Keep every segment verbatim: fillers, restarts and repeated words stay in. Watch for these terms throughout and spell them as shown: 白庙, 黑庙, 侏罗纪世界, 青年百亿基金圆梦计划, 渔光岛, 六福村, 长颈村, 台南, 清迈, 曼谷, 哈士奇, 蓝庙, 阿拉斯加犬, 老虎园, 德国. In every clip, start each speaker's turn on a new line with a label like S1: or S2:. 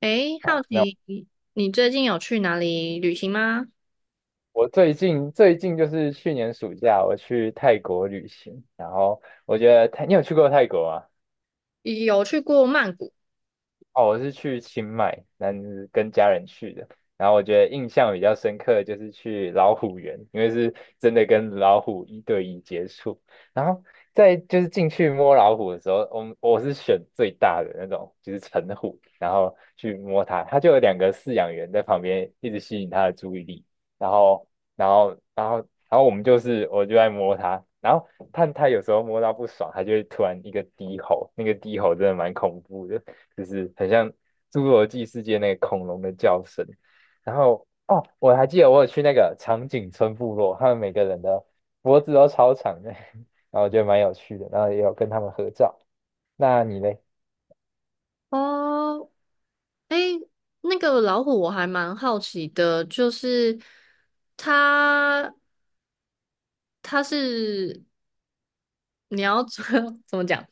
S1: 诶，好
S2: 好，
S1: 奇你你最近有去哪里旅行吗？
S2: 我最近最近就是去年暑假我去泰国旅行，然后我觉得泰，你有去过泰国吗？
S1: 有去过曼谷
S2: 哦，我是去清迈，那是跟家人去的。然后我觉得印象比较深刻的就是去老虎园，因为是真的跟老虎一对一接触。然后在就是进去摸老虎的时候，我们我是选最大的那种，就是成虎，然后去摸它，它就有两个饲养员在旁边一直吸引它的注意力。然后，然后，然后，然后我们就是我就在摸它，然后它它有时候摸到不爽，它就会突然一个低吼，那个低吼真的蛮恐怖的。就是很像侏罗纪世界那个恐龙的叫声。然后哦，我还记得我有去那个长颈村部落，他们每个人的脖子都超长的，然后我觉得蛮有趣的，然后也有跟他们合照。那你嘞？
S1: 哦。诶，那个老虎我还蛮好奇的，就是它它是你要 怎么讲？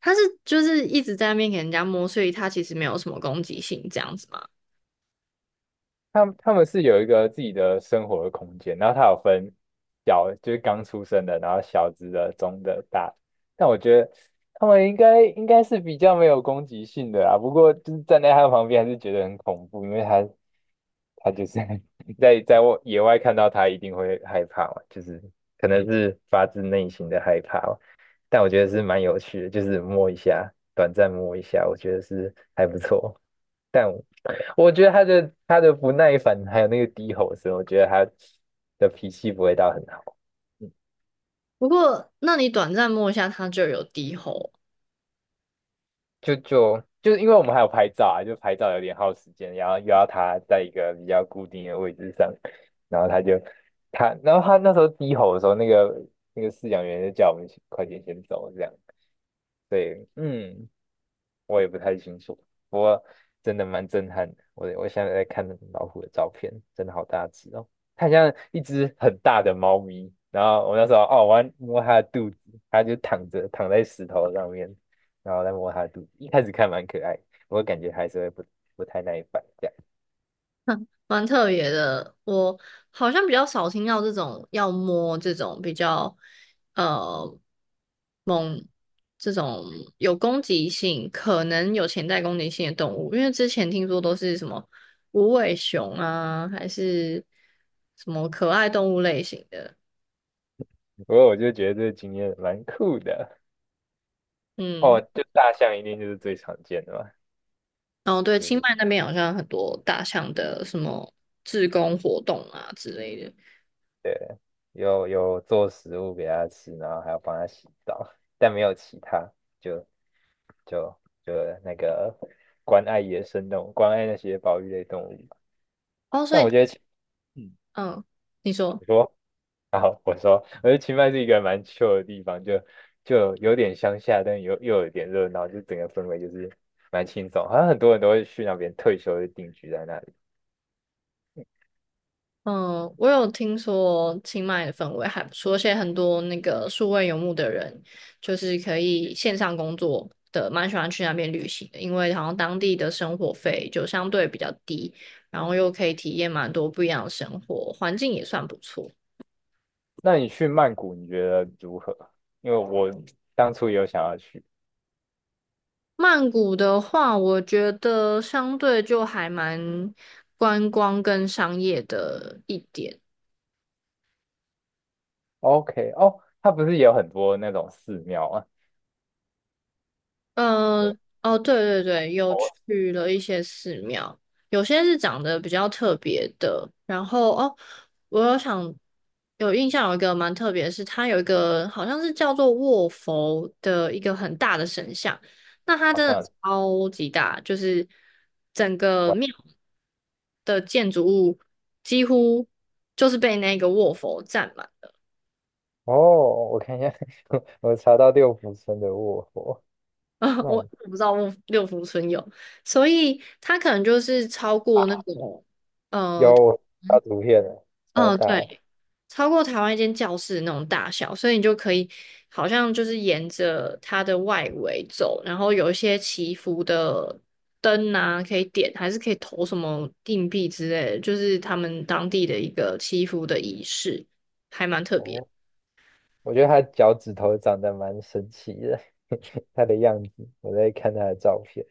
S1: 它是就是一直在那边给人家摸，所以它其实没有什么攻击性这样子嘛。
S2: 他们他们是有一个自己的生活的空间，然后它有分小，就是刚出生的，然后小只的、中的、大的。但我觉得他们应该应该是比较没有攻击性的啦，不过就是站在他旁边还是觉得很恐怖，因为他他就是 在在外野外看到他一定会害怕嘛，就是可能是发自内心的害怕吧。但我觉得是蛮有趣的，就是摸一下，短暂摸一下，我觉得是还不错。但我我觉得他的他的不耐烦还有那个低吼声，我觉得他的脾气不会到很好。嗯。
S1: 不过，那你短暂摸一下它就有低吼。
S2: 就就就是因为我们还有拍照啊，就拍照有点耗时间，然后又要他在一个比较固定的位置上，然后他就他，然后他那时候低吼的时候，那个那个饲养员就叫我们快点先走这样，对，嗯，我也不太清楚，不过真的蛮震撼的。我我现在在看老虎的照片，真的好大只哦，它很像一只很大的猫咪。然后我那时候哦，我要摸它的肚子，它就躺着躺在石头上面，然后再摸它的肚子。一开始看蛮可爱，我感觉还是会不不太耐烦这样。
S1: 蛮特别的，我好像比较少听到这种要摸这种比较呃猛这种有攻击性，可能有潜在攻击性的动物，因为之前听说都是什么无尾熊啊，还是什么可爱动物类型的。
S2: 不过我就觉得这个经验蛮酷的哦。
S1: 嗯，
S2: 就大象一定就是最常见的嘛，
S1: 哦对，
S2: 就
S1: 清
S2: 是。
S1: 迈那边好像很多大象的什么自工活动啊之类的。
S2: 有有做食物给它吃，然后还要帮它洗澡，但没有其他，就就就那个关爱野生动物，关爱那些保育类动物。
S1: 哦，所
S2: 但
S1: 以
S2: 我觉得青，嗯，
S1: 嗯，你说。
S2: 你说，然后我说，我觉得清迈是一个蛮 c h i l 的地方，就就有点乡下，但又又有点热闹，就整个氛围就是蛮轻松，好像很多人都会去那边退休就定居在那里。
S1: 嗯，我有听说清迈的氛围还不错，而且很多那个数位游牧的人，就是可以线上工作的，蛮喜欢去那边旅行的，因为好像当地的生活费就相对比较低，然后又可以体验蛮多不一样的生活，环境也算不错。
S2: 那你去曼谷，你觉得如何？因为我当初也有想要去。
S1: 曼谷的话，我觉得相对就还蛮观光跟商业的一点。
S2: OK，哦，它不是也有很多那种寺庙啊？有吗
S1: 嗯，哦，对对对，有
S2: 哦，
S1: 去了一些寺庙，有些是长得比较特别的。然后哦，我有想有印象有一个蛮特别的是，它有一个好像是叫做卧佛的一个很大的神像，那它
S2: 好
S1: 真的
S2: 像有
S1: 超级大，就是整个庙的建筑物几乎就是被那个卧佛占满。
S2: 哦，我看一下，我查到六福村的卧佛，那
S1: 我我不知道六六福村有，所以它可能就是超过那种，呃，
S2: 有
S1: 嗯，
S2: 发图片了，超
S1: 哦
S2: 大的
S1: 对，超过台湾一间教室那种大小，所以你就可以好像就是沿着它的外围走，然后有一些祈福的灯啊，可以点，还是可以投什么硬币之类的，就是他们当地的一个祈福的仪式，还蛮特别。
S2: 哦，我觉得他脚趾头长得蛮神奇的，他的样子，我在看他的照片，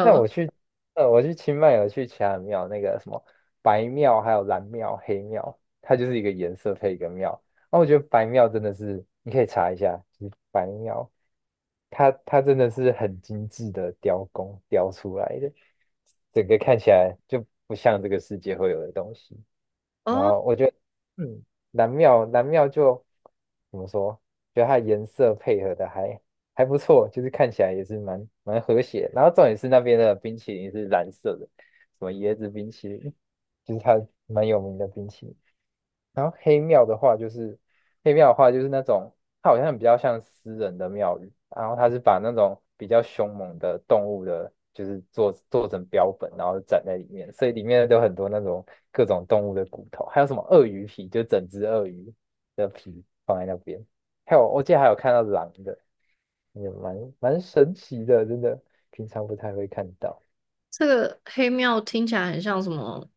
S2: 那我去，呃，我去清迈有去其他的庙，那个什么白庙、还有蓝庙、黑庙，它就是一个颜色配一个庙。然后我觉得白庙真的是，你可以查一下，就是白庙，它它真的是很精致的雕工雕出来的，整个看起来就不像这个世界会有的东西。然
S1: 哦。
S2: 后我觉得，嗯，蓝庙蓝庙就怎么说？觉得它的颜色配合的还还不错，就是看起来也是蛮蛮和谐。然后重点是那边的冰淇淋是蓝色的，什么椰子冰淇淋，就是它蛮有名的冰淇淋。然后黑庙的话，就是黑庙的话，就是那种它好像比较像私人的庙宇，然后它是把那种比较凶猛的动物的，就是做做成标本，然后展在里面，所以里面都有很多那种各种动物的骨头，还有什么鳄鱼皮，就整只鳄鱼的皮放在那边，还有我记得还有看到狼的，也蛮蛮神奇的，真的平常不太会看到。
S1: 这个黑庙听起来很像什么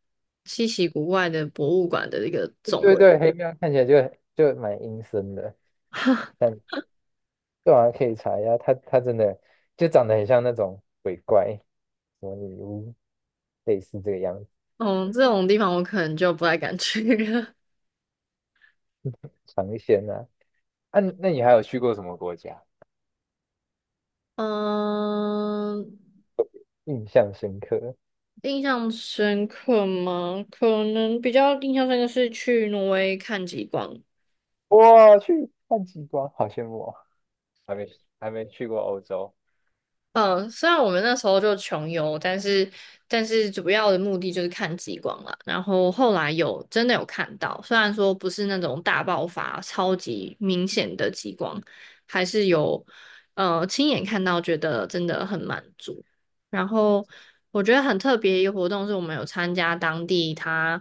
S1: 稀奇古怪的博物馆的一个
S2: 对
S1: 总和。
S2: 对对，黑庙看起来就就蛮阴森的。但。对啊，可以查一下，它它真的就长得很像那种鬼怪，什么女巫，类似这个样子，
S1: 嗯，这种地方我可能就不太敢去了。
S2: 尝鲜啊。啊，那你还有去过什么国家？
S1: 嗯，
S2: 印象深刻？
S1: 印象深刻吗？可能比较印象深刻是去挪威看极光。
S2: 哇，去看极光，好羡慕哦！还没还没去过欧洲，
S1: 嗯，虽然我们那时候就穷游，但是但是主要的目的就是看极光了。然后后来有真的有看到，虽然说不是那种大爆发、超级明显的极光，还是有呃亲眼看到，觉得真的很满足。然后我觉得很特别一个活动是我们有参加当地它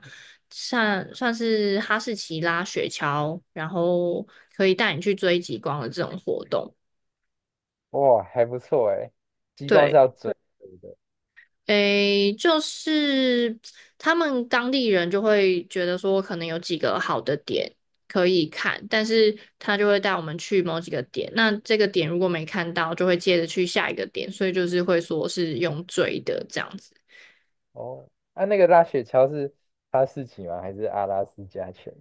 S1: 算算是哈士奇拉雪橇，然后可以带你去追极光的这种活动。
S2: 哇，还不错哎。极光是
S1: 对。
S2: 要追逐的
S1: 诶，就是他们当地人就会觉得说，可能有几个好的点可以看，但是他就会带我们去某几个点。那这个点如果没看到，就会接着去下一个点，所以就是会说是用追的这样子。
S2: 哦。啊，那个拉雪橇是哈士奇吗？还是阿拉斯加犬？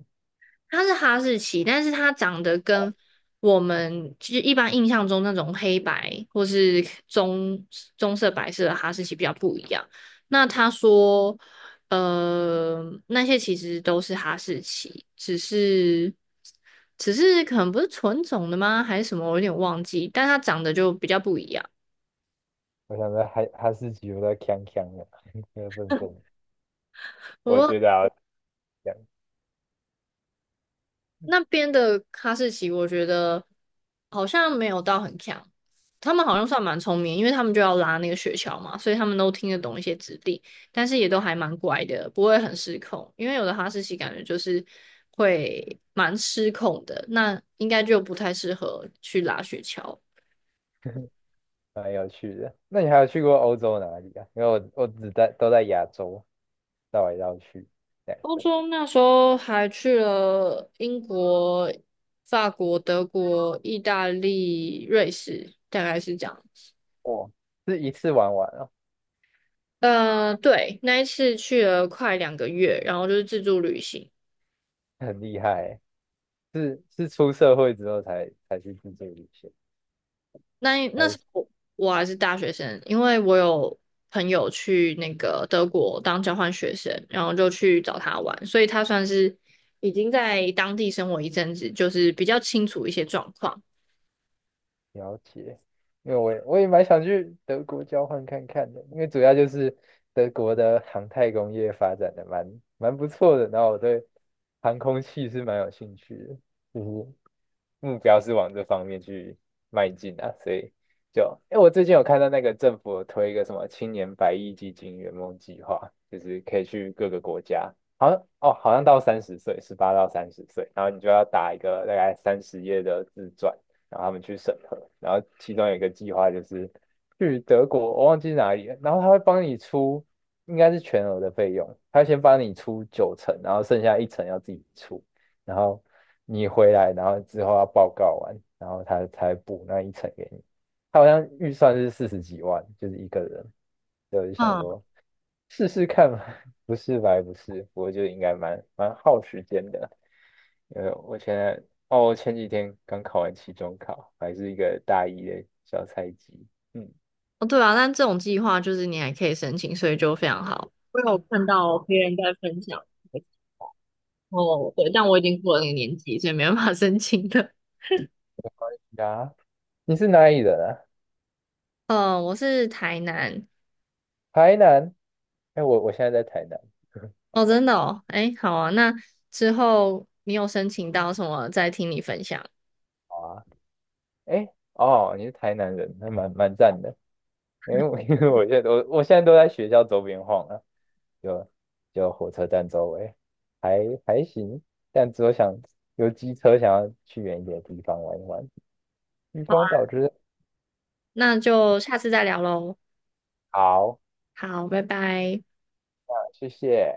S1: 它是哈士奇，但是它长得跟我们就是一般印象中那种黑白或是棕棕色、白色的哈士奇比较不一样。那他说，呃，那些其实都是哈士奇，只是只是可能不是纯种的吗？还是什么？我有点忘记，但它长得就比较不一样。
S2: 我想说哈哈士奇有点呛呛的，有点笨笨的。我
S1: 我
S2: 觉得啊，这样
S1: 那边的哈士奇，我觉得好像没有到很强，他们好像算蛮聪明，因为他们就要拉那个雪橇嘛，所以他们都听得懂一些指令，但是也都还蛮乖的，不会很失控。因为有的哈士奇感觉就是会蛮失控的，那应该就不太适合去拉雪橇。
S2: 蛮有趣的。那你还有去过欧洲哪里啊？因为我我只在都在亚洲绕来绕去，这样
S1: 欧洲那时候还去了英国、法国、德国、意大利、瑞士，大概是这样。子。
S2: 哦，是一次玩完哦，
S1: 呃，对，那一次去了快两个月，然后就是自助旅行。
S2: 很厉害欸。是是出社会之后才才去自助旅行，
S1: 那那时
S2: 才
S1: 候我还是大学生，因为我有朋友去那个德国当交换学生，然后就去找他玩，所以他算是已经在当地生活一阵子，就是比较清楚一些状况。
S2: 了解。因为我也我也蛮想去德国交换看看的，因为主要就是德国的航太工业发展的蛮蛮不错的，然后我对航空器是蛮有兴趣的，就是目标是往这方面去迈进啊，所以就，哎，我最近有看到那个政府有推一个什么青年百亿基金圆梦计划，就是可以去各个国家，好像哦，好像到三十岁，十八到三十岁，然后你就要打一个大概三十页的自传，然后他们去审核，然后其中有一个计划就是去德国，我忘记哪里了，然后他会帮你出，应该是全额的费用，他会先帮你出九成，然后剩下一成要自己出。然后你回来，然后之后要报告完，然后他才补那一层给你。他好像预算是四十几万，就是一个人。所以我就想
S1: 嗯，
S2: 说试试看嘛，不是白不是，我就应该蛮蛮耗时间的。因为我现在哦，我前几天刚考完期中考，还是一个大一的小菜鸡。嗯。
S1: 哦，对啊，但这种计划就是你还可以申请，所以就非常好。我有看到别人在分享，哦，对，但我已经过了那个年纪，所以没办法 申请的。
S2: 啊，你是哪里人啊？
S1: 呃，我是台南。
S2: 台南？哎，我我现在在台南。
S1: 哦，真的哦，哎，好啊，那之后你有申请到什么，再听你分享。
S2: 好啊，哎，哦，你是台南人，那蛮蛮赞的。因为我 因为我现在我我现在都在学校周边晃了，就就火车站周围，还还行，但只有想有机车想要去远一点的地方玩一玩。渔
S1: 好啊，
S2: 光岛就是
S1: 那就下次再聊喽。
S2: 好，
S1: 好，拜拜。
S2: 谢谢。